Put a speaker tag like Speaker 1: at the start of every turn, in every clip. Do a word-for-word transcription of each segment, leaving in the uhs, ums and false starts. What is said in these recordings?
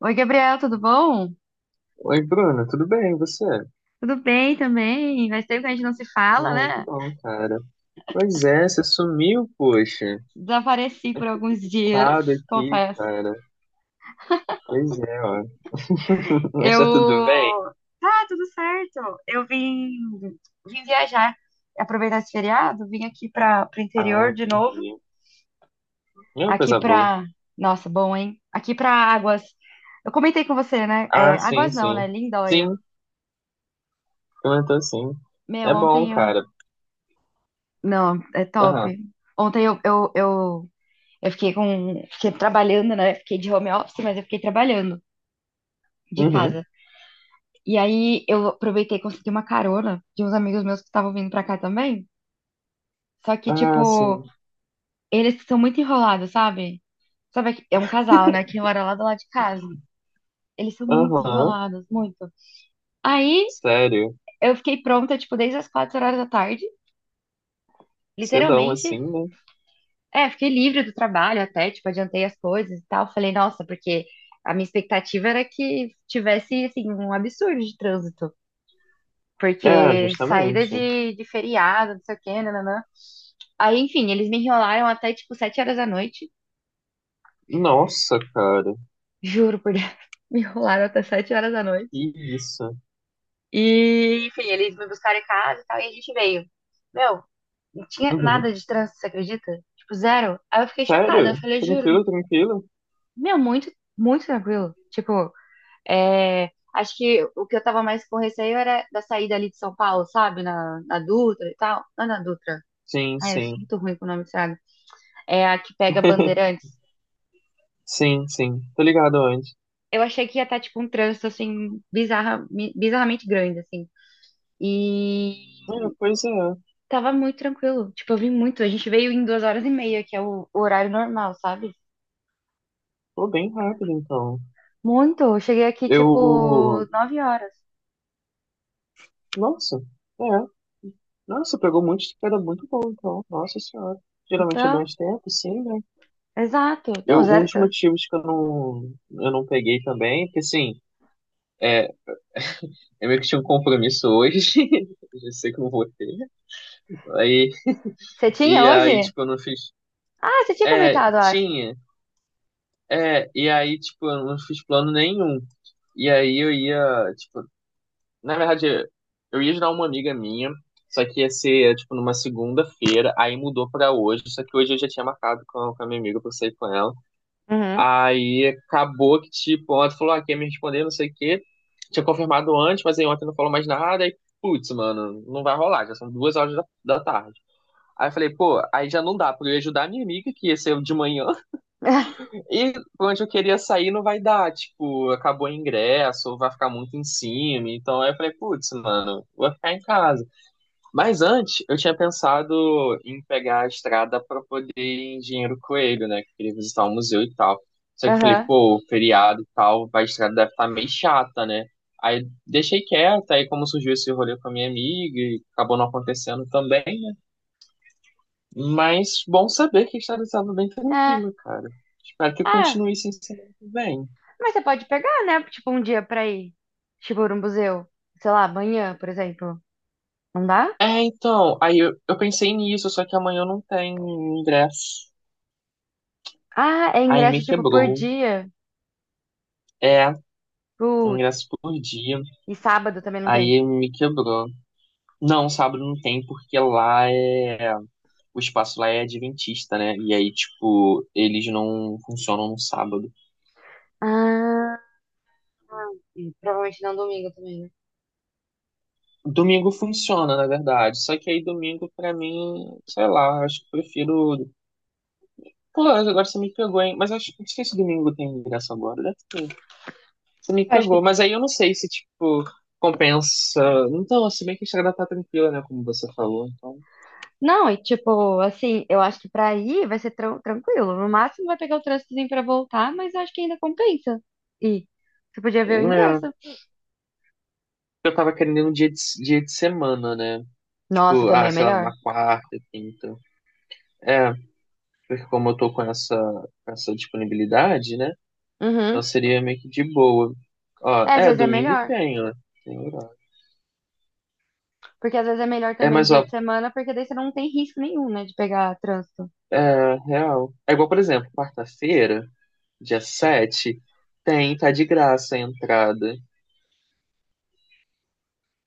Speaker 1: Oi, Gabriel, tudo bom?
Speaker 2: Oi, Bruno, tudo bem? E você?
Speaker 1: Tudo bem também. Faz tempo que a gente não se fala,
Speaker 2: Ah, que
Speaker 1: né?
Speaker 2: bom, cara. Pois é, você sumiu, poxa.
Speaker 1: Desapareci por alguns dias,
Speaker 2: Parado aqui,
Speaker 1: confesso.
Speaker 2: cara. Pois é, ó. Mas
Speaker 1: Eu.
Speaker 2: tá tudo bem?
Speaker 1: Tá, tudo certo. Eu vim, vim viajar, aproveitar esse feriado, vim aqui para o
Speaker 2: Ah,
Speaker 1: interior de novo.
Speaker 2: entendi. É uma
Speaker 1: Aqui
Speaker 2: coisa boa.
Speaker 1: para. Nossa, bom, hein? Aqui para Águas. Eu comentei com você, né?
Speaker 2: Ah,
Speaker 1: É,
Speaker 2: sim,
Speaker 1: Águas não,
Speaker 2: sim.
Speaker 1: né? Lindóia.
Speaker 2: Sim, comentou sim.
Speaker 1: Meu,
Speaker 2: É bom,
Speaker 1: ontem eu.
Speaker 2: cara.
Speaker 1: Não, é
Speaker 2: Aham.
Speaker 1: top. Ontem eu, eu, eu Eu fiquei com, fiquei trabalhando, né? Fiquei de home office, mas eu fiquei trabalhando de
Speaker 2: Uhum.
Speaker 1: casa. E aí eu aproveitei e consegui uma carona de uns amigos meus que estavam vindo pra cá também. Só que,
Speaker 2: Ah,
Speaker 1: tipo,
Speaker 2: sim.
Speaker 1: eles são muito enrolados, sabe? Sabe, que- é um casal, né? Que mora lá do lado de casa. Eles são muito
Speaker 2: Aham.
Speaker 1: enrolados, muito. Aí
Speaker 2: Sério.
Speaker 1: eu fiquei pronta, tipo, desde as quatro horas da tarde,
Speaker 2: Cedão assim,
Speaker 1: literalmente.
Speaker 2: né?
Speaker 1: É, fiquei livre do trabalho até, tipo, adiantei as coisas e tal. Falei, nossa, porque a minha expectativa era que tivesse, assim, um absurdo de trânsito.
Speaker 2: É,
Speaker 1: Porque saída
Speaker 2: justamente.
Speaker 1: de, de feriado, não sei o quê, nananã. Aí, enfim, eles me enrolaram até tipo sete horas da noite.
Speaker 2: Nossa, cara.
Speaker 1: Juro por Deus. Me enrolaram até sete horas da noite.
Speaker 2: Que isso.
Speaker 1: E, enfim, eles me buscaram em casa e tal, e a gente veio. Meu, não tinha
Speaker 2: Uhum.
Speaker 1: nada de trânsito, você acredita? Tipo, zero. Aí eu fiquei chocada.
Speaker 2: Sério?
Speaker 1: Eu falei, juro,
Speaker 2: Tranquilo, tranquilo?
Speaker 1: meu, muito, muito tranquilo. Tipo, é, acho que o que eu tava mais com receio era da saída ali de São Paulo, sabe? Na, na Dutra e tal. Não, é na Dutra.
Speaker 2: Sim,
Speaker 1: Ai, eu sou
Speaker 2: sim.
Speaker 1: muito ruim com o nome dessa, é a que pega Bandeirantes.
Speaker 2: Sim, sim. Tô ligado onde.
Speaker 1: Eu achei que ia estar, tipo, um trânsito, assim, bizarra, mi- bizarramente grande, assim.
Speaker 2: É,
Speaker 1: E
Speaker 2: pois é.
Speaker 1: tava muito tranquilo. Tipo, eu vim muito. A gente veio em duas horas e meia, que é o, o horário normal, sabe?
Speaker 2: Pô, bem rápido, então.
Speaker 1: Muito. Eu cheguei aqui, tipo,
Speaker 2: Eu.
Speaker 1: nove horas.
Speaker 2: Nossa. É. Nossa, pegou muito era muito bom, então. Nossa senhora. Geralmente é
Speaker 1: Então,
Speaker 2: mais tempo, sim, né?
Speaker 1: exato. Então
Speaker 2: Eu, um
Speaker 1: zero
Speaker 2: dos
Speaker 1: trânsito.
Speaker 2: motivos que eu não, eu não peguei também, porque assim, é, eu meio que tinha um compromisso hoje. Eu já sei que eu não vou ter. Aí,
Speaker 1: Você tinha
Speaker 2: e aí,
Speaker 1: hoje?
Speaker 2: tipo, eu não fiz.
Speaker 1: Ah, você tinha
Speaker 2: É,
Speaker 1: comentado, eu acho.
Speaker 2: tinha. É, e aí, tipo, eu não fiz plano nenhum. E aí eu ia, tipo, na verdade, eu ia ajudar uma amiga minha, só que ia ser, tipo, numa segunda-feira, aí mudou pra hoje, só que hoje eu já tinha marcado com, com a minha amiga pra eu sair com ela.
Speaker 1: Uhum.
Speaker 2: Aí acabou que, tipo, ontem falou, ah, quer me responder, não sei o quê. Tinha confirmado antes, mas aí ontem não falou mais nada, aí, putz, mano, não vai rolar, já são duas horas da, da tarde. Aí eu falei, pô, aí já não dá, porque eu ia ajudar a minha amiga, que ia ser de manhã, e pra onde eu queria sair não vai dar, tipo, acabou o ingresso, ou vai ficar muito em cima. Então aí eu falei, putz, mano, vou ficar em casa. Mas antes, eu tinha pensado em pegar a estrada pra poder ir em Engenheiro Coelho, né? Que eu queria visitar o museu e tal. Só que eu falei,
Speaker 1: Aham.
Speaker 2: pô, feriado e tal, a estrada deve estar meio chata, né? Aí deixei quieto, aí como surgiu esse rolê com a minha amiga e acabou não acontecendo também, né? Mas bom saber que a estrada estava bem
Speaker 1: É.
Speaker 2: tranquila, cara. Espero que
Speaker 1: Ah,
Speaker 2: continue assim semana que vem.
Speaker 1: mas você pode pegar, né? Tipo, um dia pra ir. Tipo, no museu. Sei lá, amanhã, por exemplo. Não dá?
Speaker 2: É, então, aí eu, eu pensei nisso, só que amanhã eu não tenho ingresso.
Speaker 1: Ah, é
Speaker 2: Aí
Speaker 1: ingresso
Speaker 2: me
Speaker 1: tipo por
Speaker 2: quebrou.
Speaker 1: dia.
Speaker 2: É, um
Speaker 1: Putz.
Speaker 2: ingresso por dia.
Speaker 1: E sábado também não tem.
Speaker 2: Aí me quebrou. Não, sábado não tem, porque lá é. O espaço lá é adventista, né? E aí, tipo, eles não funcionam no sábado.
Speaker 1: Ah, e provavelmente não domingo também, né?
Speaker 2: Domingo funciona, na verdade. Só que aí domingo, pra mim, sei lá, acho que prefiro. Pô, agora você me pegou, hein? Mas acho que não sei se domingo tem ingresso agora, deve ter. Você me
Speaker 1: Eu acho
Speaker 2: pegou,
Speaker 1: que.
Speaker 2: mas aí eu não sei se, tipo, compensa. Então, se bem que a estrada tá tranquila, né? Como você falou. Então,
Speaker 1: Não, e tipo, assim, eu acho que pra ir vai ser tran- tranquilo. No máximo vai pegar o trânsitozinho pra voltar, mas eu acho que ainda compensa. E você podia ver o
Speaker 2: é,
Speaker 1: ingresso.
Speaker 2: eu tava querendo um dia de, dia de semana, né?
Speaker 1: Nossa,
Speaker 2: Tipo,
Speaker 1: também
Speaker 2: ah,
Speaker 1: é
Speaker 2: sei lá,
Speaker 1: melhor.
Speaker 2: numa quarta, quinta. É, porque como eu tô com essa, com essa disponibilidade, né?
Speaker 1: Uhum.
Speaker 2: Então seria meio que de boa. Ó,
Speaker 1: É, às
Speaker 2: é,
Speaker 1: vezes é
Speaker 2: domingo
Speaker 1: melhor.
Speaker 2: tem, ó. Tem horário.
Speaker 1: Porque às vezes é melhor
Speaker 2: É,
Speaker 1: também
Speaker 2: mas
Speaker 1: dia
Speaker 2: ó,
Speaker 1: de semana, porque daí você não tem risco nenhum, né, de pegar trânsito.
Speaker 2: é real. É igual, por exemplo, quarta-feira, dia sete, tem, tá de graça a entrada.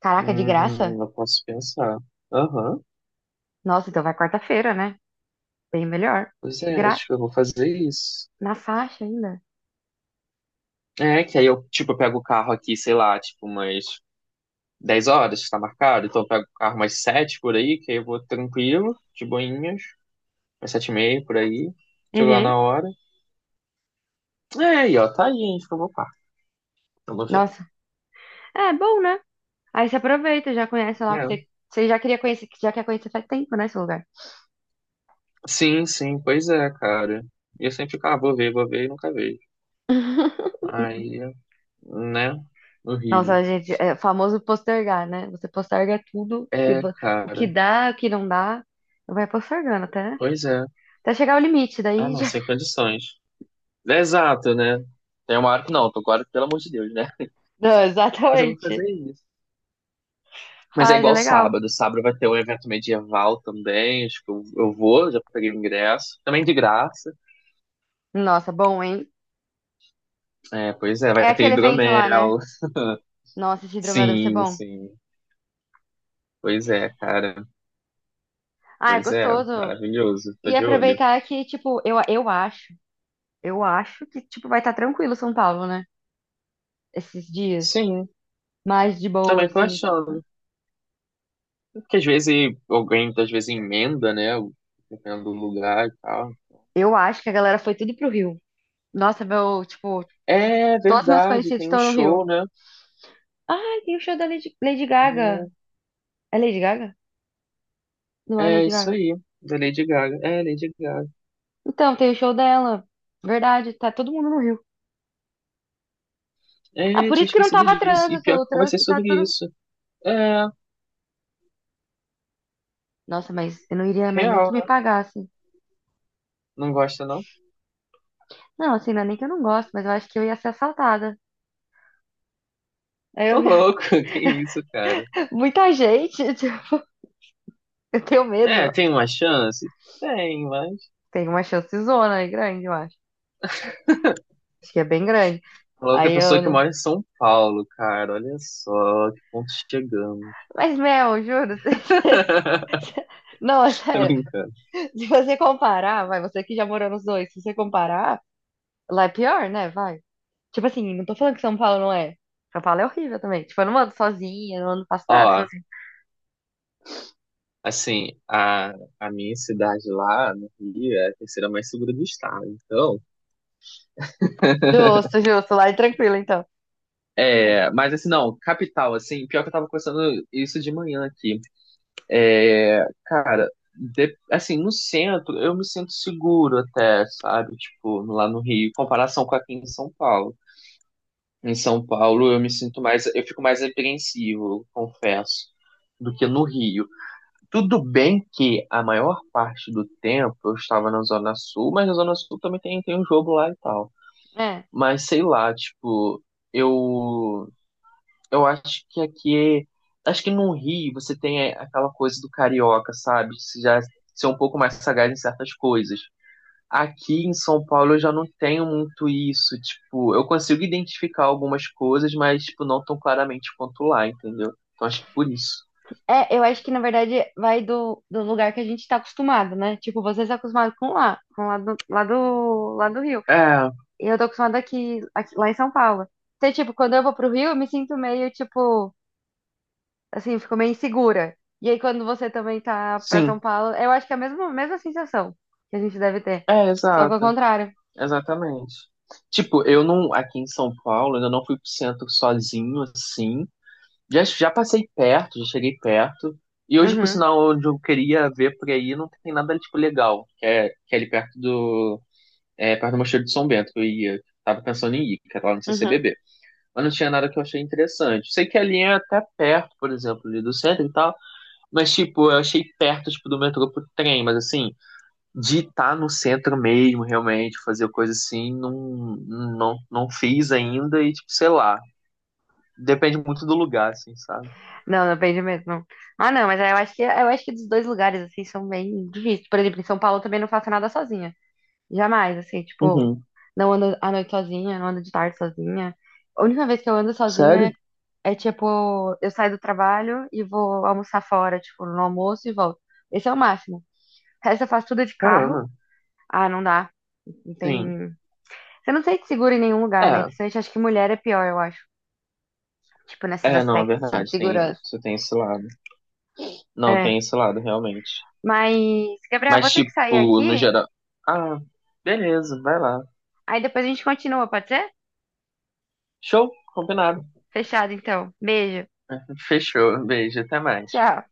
Speaker 1: Caraca, de graça?
Speaker 2: Hum, eu posso pensar. Aham.
Speaker 1: Nossa, então vai quarta-feira, né? Bem melhor.
Speaker 2: Pois
Speaker 1: De
Speaker 2: é,
Speaker 1: graça.
Speaker 2: acho que eu vou fazer isso.
Speaker 1: Na faixa ainda?
Speaker 2: É, que aí eu, tipo, eu pego o carro aqui, sei lá, tipo, umas dez horas, tá marcado. Então eu pego o carro umas sete por aí, que aí eu vou tranquilo, de boinhas, umas sete e meia por aí. Chego lá
Speaker 1: Uhum.
Speaker 2: na hora. É, aí, ó, tá aí, hein, acho que eu vou par. Vamos ver.
Speaker 1: Nossa. É bom, né? Aí você aproveita, já conhece lá o que
Speaker 2: É.
Speaker 1: você, você já queria conhecer, já quer conhecer faz tempo, né, esse lugar.
Speaker 2: Sim, sim, pois é, cara. E eu sempre fico, ah, vou ver, vou ver e nunca vejo. Aí, né?
Speaker 1: Nossa,
Speaker 2: Horrível.
Speaker 1: gente, é o famoso postergar, né? Você posterga tudo, que
Speaker 2: É,
Speaker 1: vo- o que
Speaker 2: cara.
Speaker 1: dá, o que não dá, vai postergando até,
Speaker 2: Pois é.
Speaker 1: até chegar ao limite,
Speaker 2: Ah,
Speaker 1: daí
Speaker 2: não,
Speaker 1: já...
Speaker 2: sem condições. É, exato, né? Tem uma hora que não, tô agora, pelo amor de Deus, né?
Speaker 1: Não,
Speaker 2: Mas eu vou
Speaker 1: exatamente.
Speaker 2: fazer isso. Mas é
Speaker 1: Faz, é
Speaker 2: igual
Speaker 1: legal.
Speaker 2: sábado. Sábado vai ter um evento medieval também. Acho que eu, eu vou, já peguei o ingresso. Também de graça.
Speaker 1: Nossa, bom, hein?
Speaker 2: É, pois é,
Speaker 1: É
Speaker 2: vai ter
Speaker 1: aquele evento lá, né?
Speaker 2: hidromel.
Speaker 1: Nossa, esse hidromel deve ser
Speaker 2: Sim,
Speaker 1: bom.
Speaker 2: sim. Pois é, cara.
Speaker 1: Ah, é
Speaker 2: Pois é,
Speaker 1: gostoso.
Speaker 2: maravilhoso. Tô
Speaker 1: E
Speaker 2: de olho.
Speaker 1: aproveitar que, tipo, eu, eu acho, eu acho que, tipo, vai estar tranquilo São Paulo, né? Esses dias,
Speaker 2: Sim,
Speaker 1: mais de boa,
Speaker 2: também tô
Speaker 1: assim, tipo,
Speaker 2: achando. Porque às vezes alguém, às vezes, emenda, né? Dependendo do lugar e tal.
Speaker 1: eu acho que a galera foi tudo pro Rio. Nossa, meu, tipo,
Speaker 2: É
Speaker 1: todos meus
Speaker 2: verdade,
Speaker 1: conhecidos
Speaker 2: tem um
Speaker 1: estão no
Speaker 2: show,
Speaker 1: Rio.
Speaker 2: né?
Speaker 1: Ai, tem o show da Lady, Lady Gaga.
Speaker 2: É.
Speaker 1: É Lady Gaga? Não é
Speaker 2: É
Speaker 1: Lady
Speaker 2: isso
Speaker 1: Gaga.
Speaker 2: aí, da Lady Gaga. É, Lady Gaga.
Speaker 1: Então, tem o show dela. Verdade, tá todo mundo no Rio. Ah,
Speaker 2: É,
Speaker 1: por
Speaker 2: tinha
Speaker 1: isso que não
Speaker 2: esquecido
Speaker 1: tava
Speaker 2: disso. E
Speaker 1: trânsito.
Speaker 2: pior
Speaker 1: O
Speaker 2: que eu conversei
Speaker 1: trânsito tá
Speaker 2: sobre
Speaker 1: tudo.
Speaker 2: isso. É,
Speaker 1: Nossa, mas eu não iria mais nem
Speaker 2: real,
Speaker 1: que me
Speaker 2: né?
Speaker 1: pagassem.
Speaker 2: Não gosta, não?
Speaker 1: Não, assim, não é nem que eu não gosto, mas eu acho que eu ia ser assaltada. Aí
Speaker 2: Ô,
Speaker 1: eu...
Speaker 2: louco, que isso, cara?
Speaker 1: Muita gente, tipo, eu tenho
Speaker 2: É,
Speaker 1: medo.
Speaker 2: tem uma chance? Tem, mas.
Speaker 1: Tem uma chance zona aí grande, eu acho. Acho que é bem grande.
Speaker 2: Louco é a
Speaker 1: Aí
Speaker 2: pessoa
Speaker 1: eu
Speaker 2: que
Speaker 1: não-
Speaker 2: mora em São Paulo, cara. Olha só que ponto chegamos.
Speaker 1: Mas, Mel, juro. Não, é
Speaker 2: Tô
Speaker 1: sério.
Speaker 2: brincando.
Speaker 1: Se você comparar, vai, você que já morou nos dois, se você comparar, lá é pior, né? Vai. Tipo assim, não tô falando que São Paulo não é. São Paulo é horrível também. Tipo, eu não ando sozinha, não ando, faço
Speaker 2: Ó,
Speaker 1: nada sozinha.
Speaker 2: assim, a, a minha cidade lá no Rio é a terceira mais segura do estado. Então,
Speaker 1: Justo, justo. Lá é tranquilo, então.
Speaker 2: é, mas assim, não, capital, assim, pior que eu tava conversando isso de manhã aqui. Cara, de- assim, no centro eu me sinto seguro até, sabe? Tipo, lá no Rio, em comparação com aqui em São Paulo. Em São Paulo eu me sinto mais, eu fico mais apreensivo, eu confesso, do que no Rio. Tudo bem que a maior parte do tempo eu estava na Zona Sul, mas na Zona Sul também tem, tem um jogo lá e tal.
Speaker 1: É.
Speaker 2: Mas sei lá, tipo, eu eu acho que aqui, é, acho que no Rio você tem é, aquela coisa do carioca, sabe? Você já ser um pouco mais sagaz em certas coisas. Aqui em São Paulo eu já não tenho muito isso, tipo, eu consigo identificar algumas coisas, mas tipo, não tão claramente quanto lá, entendeu? Então acho que por isso.
Speaker 1: É, eu acho que na verdade vai do, do lugar que a gente tá acostumado, né? Tipo, vocês estão acostumados com lá, com lá do, lá do, lá do Rio.
Speaker 2: É,
Speaker 1: E eu tô acostumada aqui, aqui- lá em São Paulo. Então, tipo, quando eu vou pro Rio, eu me sinto meio, tipo, assim, ficou meio insegura. E aí, quando você também tá pra São
Speaker 2: sim,
Speaker 1: Paulo, eu acho que é a mesma, mesma sensação que a gente deve ter.
Speaker 2: é,
Speaker 1: Só que ao
Speaker 2: exato,
Speaker 1: contrário.
Speaker 2: exatamente. Tipo, eu não, aqui em São Paulo, ainda não fui pro centro sozinho, assim. Já, já passei perto, já cheguei perto. E hoje, por
Speaker 1: Uhum,
Speaker 2: sinal, onde eu queria ver por aí, não tem nada, tipo, legal. Que é, que é ali perto do... É, perto do Mosteiro de São Bento, que eu ia. Tava pensando em ir, que era lá no
Speaker 1: uhum.
Speaker 2: C C B B. Mas não tinha nada que eu achei interessante. Sei que ali é até perto, por exemplo, ali do centro e tal. Mas, tipo, eu achei perto, tipo, do metrô pro trem. Mas, assim, de estar no centro mesmo, realmente, fazer coisa assim, não, não, não fiz ainda. E, tipo, sei lá. Depende muito do lugar, assim, sabe?
Speaker 1: Não, depende mesmo. Não. Ah, não, mas eu acho que, eu acho que dos dois lugares, assim, são bem difíceis. Por exemplo, em São Paulo eu também não faço nada sozinha. Jamais, assim, tipo,
Speaker 2: Uhum.
Speaker 1: não ando à noite sozinha, não ando de tarde sozinha. A única vez que eu ando sozinha
Speaker 2: Sério?
Speaker 1: é, é, tipo, eu saio do trabalho e vou almoçar fora, tipo, no almoço e volto. Esse é o máximo. O resto eu faço tudo de carro.
Speaker 2: Caramba,
Speaker 1: Ah, não dá. Não
Speaker 2: sim.
Speaker 1: tem. Você não sente seguro em nenhum lugar, né?
Speaker 2: É,
Speaker 1: Principalmente acho que mulher é pior, eu acho. Tipo, nesses
Speaker 2: é, não, é
Speaker 1: aspectos, assim, de
Speaker 2: verdade, tem,
Speaker 1: segurança.
Speaker 2: você tem esse lado. Não,
Speaker 1: É.
Speaker 2: tem esse lado, realmente.
Speaker 1: Mas, Gabriel,
Speaker 2: Mas,
Speaker 1: vou ter que sair
Speaker 2: tipo, no
Speaker 1: aqui.
Speaker 2: geral. Ah, beleza, vai lá.
Speaker 1: Aí depois a gente continua, pode ser?
Speaker 2: Show, combinado.
Speaker 1: Fechado, então. Beijo.
Speaker 2: Fechou, beijo, até mais.
Speaker 1: Tchau.